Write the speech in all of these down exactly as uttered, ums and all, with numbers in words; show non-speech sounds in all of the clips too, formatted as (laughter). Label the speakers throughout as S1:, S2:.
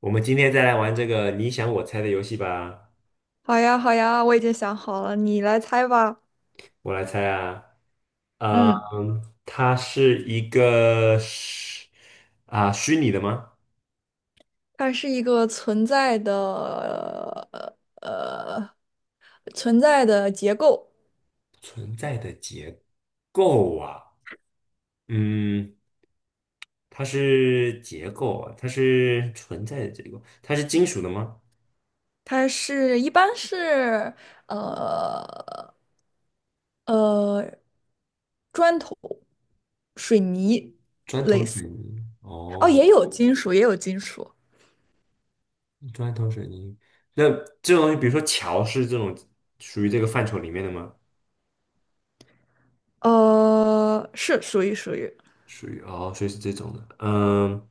S1: 我们今天再来玩这个你想我猜的游戏吧。
S2: 好呀，好呀，我已经想好了，你来猜吧。
S1: 我来猜啊，呃，
S2: 嗯，
S1: 它是一个虚啊、虚拟的吗？
S2: 它是一个存在的呃存在的结构，
S1: 存在的结构啊，嗯，它是结构啊，它是存在的结构，它是金属的吗？
S2: 它是一般是呃呃砖头、水泥，
S1: 砖头水泥，
S2: 哦，
S1: 哦，
S2: 也有金属，也有金属，
S1: 砖头水泥。那这种东西，比如说桥，是这种属于这个范畴里面的吗？
S2: 呃，是属于属于。
S1: 属于哦，所以是这种的，嗯，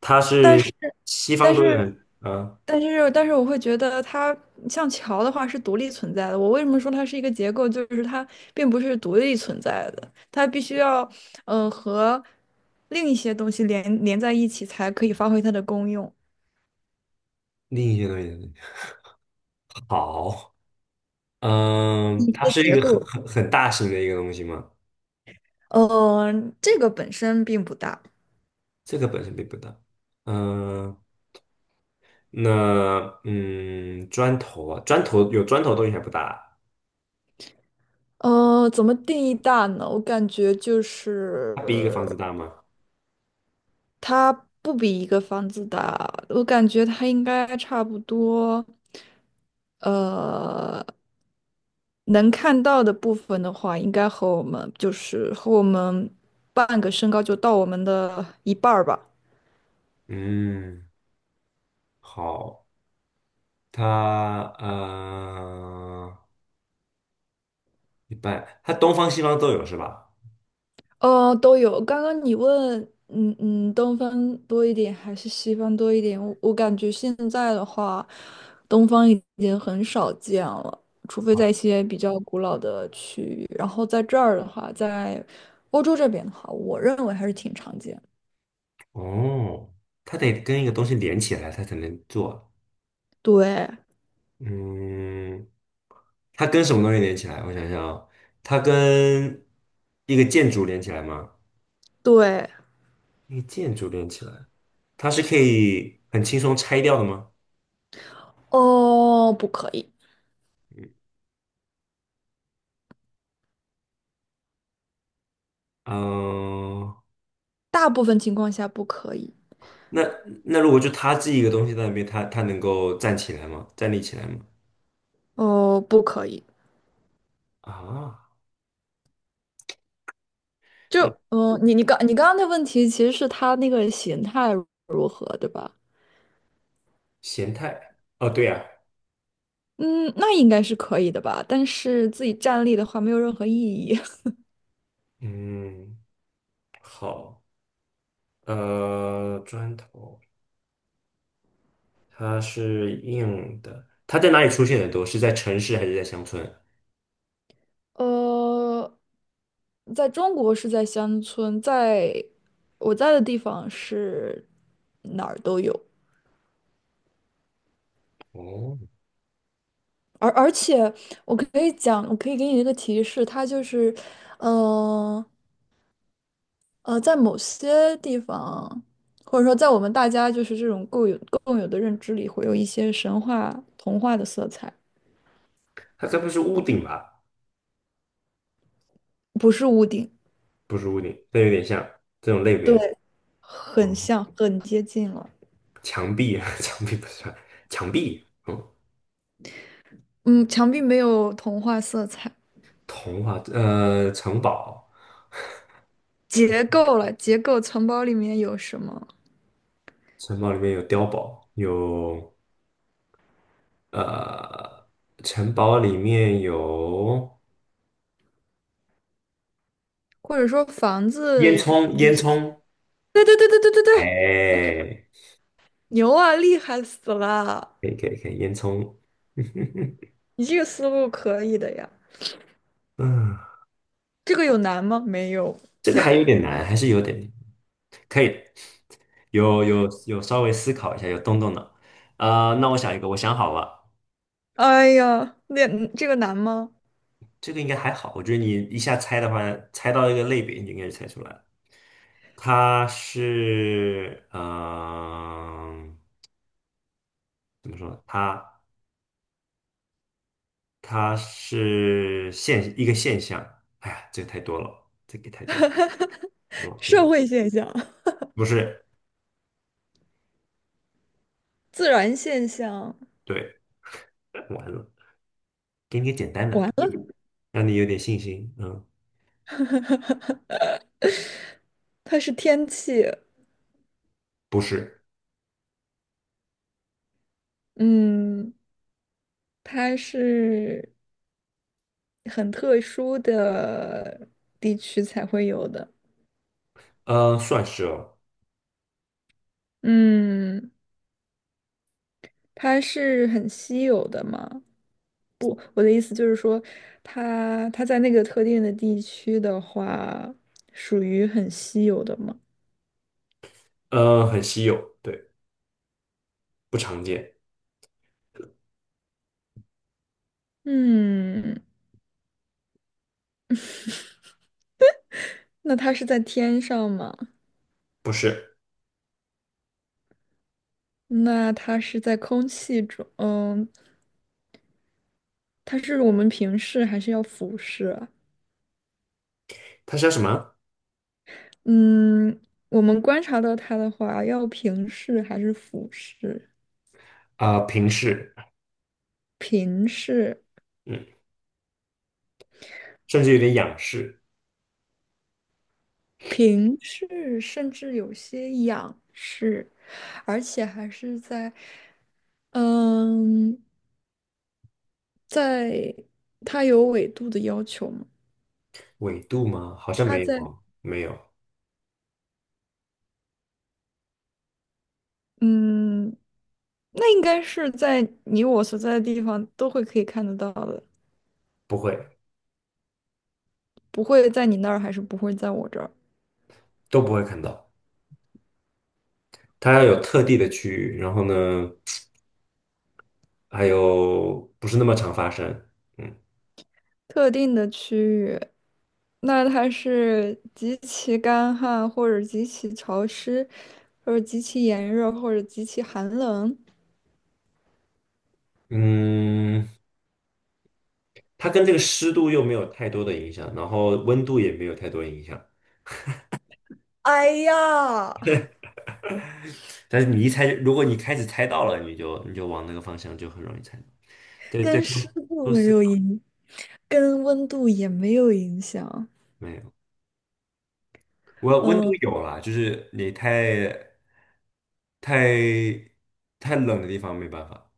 S1: 它是西方
S2: 但
S1: 多一
S2: 是，
S1: 点，嗯，
S2: 但是，但是，我会觉得它像桥的话是独立存在的。我为什么说它是一个结构？就是它并不是独立存在的，它必须要嗯，呃，和另一些东西连连在一起，才可以发挥它的功用。
S1: 另一些东西，好，嗯，
S2: 一
S1: 它
S2: 些
S1: 是一
S2: 结
S1: 个很
S2: 构，
S1: 很很大型的一个东西嘛？
S2: 嗯、这个本身并不大。
S1: 这个本身并不大，嗯，那嗯，砖头啊，砖头有砖头的东西还不大，
S2: 呃，怎么定义大呢？我感觉就
S1: 它比一个房
S2: 是
S1: 子大吗？
S2: 它不比一个房子大，我感觉它应该差不多，呃，能看到的部分的话，应该和我们就是和我们半个身高就到我们的一半儿吧。
S1: 嗯，好，它呃一般，它东方西方都有是吧？
S2: 呃，都有。刚刚你问，嗯嗯，东方多一点还是西方多一点？我我感觉现在的话，东方已经很少见了，除非在一些比较古老的区域。然后在这儿的话，在欧洲这边的话，我认为还是挺常见的。
S1: 哦，它得跟一个东西连起来，它才能做。
S2: 对
S1: 嗯，它跟什么东西连起来？我想想啊，它跟一个建筑连起来吗？
S2: 对，
S1: 一个建筑连起来，它是可以很轻松拆掉的吗？
S2: 哦，不可以，
S1: 嗯，
S2: 大部分情况下不可以。
S1: 那那如果就它自己一个东西在那边，它它能够站起来吗？站立起来吗？
S2: 哦，不可以，
S1: 啊，
S2: 就
S1: 嗯，
S2: 嗯，你你刚你刚刚的问题其实是他那个形态如何，对吧？
S1: 咸菜，哦，对呀，
S2: 嗯，那应该是可以的吧？但是自己站立的话，没有任何意义。(laughs)
S1: 嗯，呃，砖头。它是硬的，它在哪里出现的多？是在城市还是在乡村？
S2: 呃，在中国是在乡村，在我在的地方是哪儿都有，
S1: 哦，
S2: 而而且我可以讲，我可以给你一个提示，它就是，呃呃，在某些地方，或者说在我们大家就是这种共有共有的认知里，会有一些神话童话的色彩，
S1: 它该不是屋顶吧？
S2: 不是屋顶。
S1: 不是屋顶，但有点像这种类别。
S2: 对，很
S1: 哦，
S2: 像，很接近了。
S1: 墙壁，(laughs) 墙壁不算，墙壁。嗯，
S2: 嗯，墙壁没有童话色彩，
S1: 童话，呃，城堡，
S2: 结构了，结构城堡里面有什么？
S1: 城堡里面有碉堡，有呃，城堡里面有
S2: 或者说房
S1: 烟
S2: 子？
S1: 囱，烟囱。
S2: 对对对对对对对，
S1: 哎，
S2: 牛啊，厉害死了！
S1: 可以可以可以，烟囱。(laughs)
S2: 你这个思路可以的呀。
S1: 嗯，
S2: 这个有难吗？没有。
S1: 这个还有点难，还是有点难可以。有有有稍微思考一下，有动动脑。啊、那我想一个，我想好了，
S2: 哎呀，那这个难吗？
S1: 这个应该还好。我觉得你一下猜的话，猜到一个类别，你就应该就猜出来了。它是，嗯、怎么说？它它是现一个现象。哎呀，这个太多了，这个太多了。老可
S2: 社
S1: 以，
S2: 会现象，
S1: 不是，
S2: (laughs) 自然现象，
S1: 对，完了，给你个简单
S2: 完
S1: 的，
S2: 了，
S1: 让你有点信心。嗯，
S2: (laughs) 它是天气，
S1: 不是，
S2: 嗯，它是。很特殊的地区才会有的。
S1: 呃，算是哦，
S2: 嗯，它是很稀有的嘛？我的意思就是说，它它在那个特定的地区的话，属于很稀有的嘛？
S1: 呃，很稀有，对，不常见，
S2: 嗯，那它是在天上吗？
S1: 不是。
S2: 那它是在空气中，嗯，它是我们平视还是要俯视啊
S1: 它叫什么？
S2: 嗯，我们观察到它的话，要平视还是俯视？
S1: 啊、平视，
S2: 平视。
S1: 嗯，甚至有点仰视，
S2: 平视，甚至有些仰视，而且还是在，嗯，在它有纬度的要求吗？
S1: 纬度吗？好像
S2: 它
S1: 没有
S2: 在，
S1: 哦，没有，
S2: 嗯，那应该是在你我所在的地方都会可以看得到的，
S1: 不会，
S2: 不会在你那儿，还是不会在我这儿。
S1: 都不会看到。它要有特地的区域，然后呢，还有不是那么常发生，嗯
S2: 特定的区域，那它是极其干旱，或者极其潮湿，或者极其炎热，或者极其寒冷。
S1: 嗯，它跟这个湿度又没有太多的影响，然后温度也没有太多影响。
S2: 哎呀！
S1: 但是你一猜，如果你开始猜到了，你就你就往那个方向就很容易猜到。对对，
S2: 跟湿
S1: 多
S2: 度
S1: 多
S2: 没
S1: 思
S2: 有
S1: 考，
S2: 影，跟温度也没有影响。
S1: 没有。我温
S2: 嗯，
S1: 度有了，就是你太太太冷的地方没办法，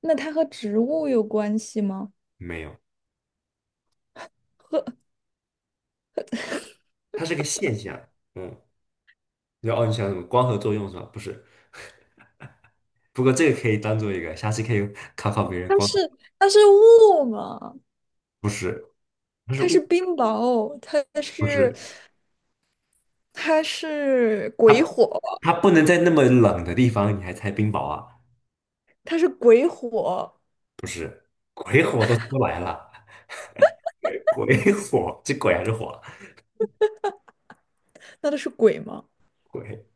S2: 那它和植物有关系吗？
S1: 没有，
S2: 和
S1: 它是个现象。嗯，然后哦，你想什么光合作用是吧？不是，不过这个可以当做一个，下次可以考考别人光合
S2: 是它是雾嘛，
S1: 不是，它是
S2: 它是
S1: 物，
S2: 冰雹，它
S1: 不
S2: 是
S1: 是，
S2: 它是鬼
S1: 它
S2: 火，
S1: 它不能在那么冷的地方你还猜冰雹啊？
S2: 它是鬼火，
S1: 不是，鬼火都出来了，鬼火，这鬼还是火？
S2: 那都是鬼吗？
S1: 鬼，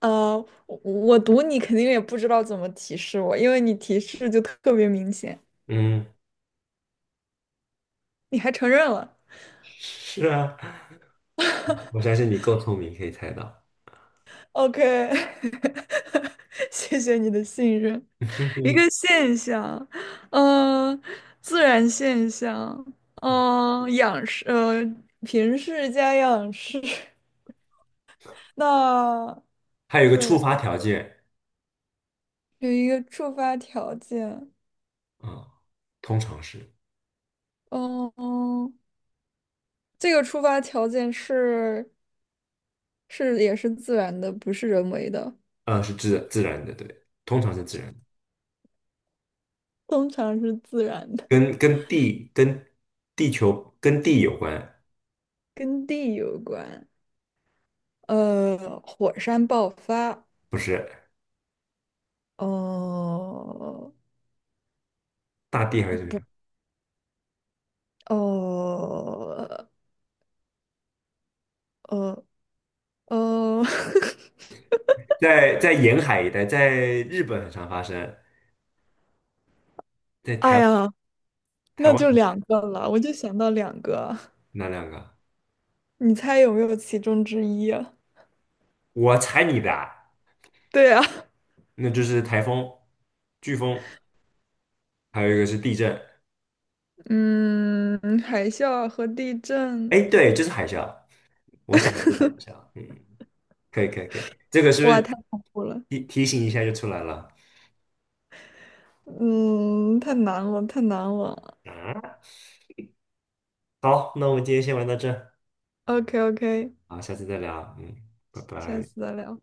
S2: 呃，我我读你肯定也不知道怎么提示我，因为你提示就特别明显，
S1: 嗯，
S2: 你还承认了。
S1: 是啊，我相信你够聪明，可以猜到。
S2: OK，(laughs) 谢谢你的信任。(laughs) 一
S1: (laughs)
S2: 个现象，嗯，自然现象，嗯、仰视，呃，平视加仰视，(laughs) 那
S1: 还有一个
S2: 自
S1: 触
S2: 然
S1: 发条件
S2: 有一个触发条件，
S1: 啊、嗯通常是
S2: 嗯、这个触发条件是是也是自然的，不是人为的，
S1: 呃是自自然的，对，通常是自然的
S2: 通常是自然的，
S1: 跟跟地跟地球跟地有关，
S2: 跟地有关，呃，火山爆发，
S1: 不是
S2: 哦
S1: 大地还是
S2: 呃，
S1: 怎么
S2: 不，
S1: 样？
S2: 呃呃。呃，
S1: 在在沿海一带，在日本很常发生，在
S2: (laughs) 哎
S1: 台
S2: 呀，
S1: 台
S2: 那就
S1: 湾
S2: 两个了，我就想到两个，
S1: 哪两个？
S2: 你猜有没有其中之一啊
S1: 我猜你的啊，
S2: (laughs) 对啊，
S1: 那就是台风、飓风，还有一个是地震。
S2: 嗯，海啸和地震，
S1: 哎，对，就是海啸。我想的是海啸，嗯，可以可以可以，这个是不
S2: 哇，
S1: 是
S2: 太恐怖了，
S1: 提提醒一下就出来了？
S2: 嗯，太难了，太难了。
S1: 啊？好，那我们今天先玩到这儿，
S2: OK OK，
S1: 好，下次再聊，嗯，拜
S2: 下
S1: 拜。
S2: 次再聊。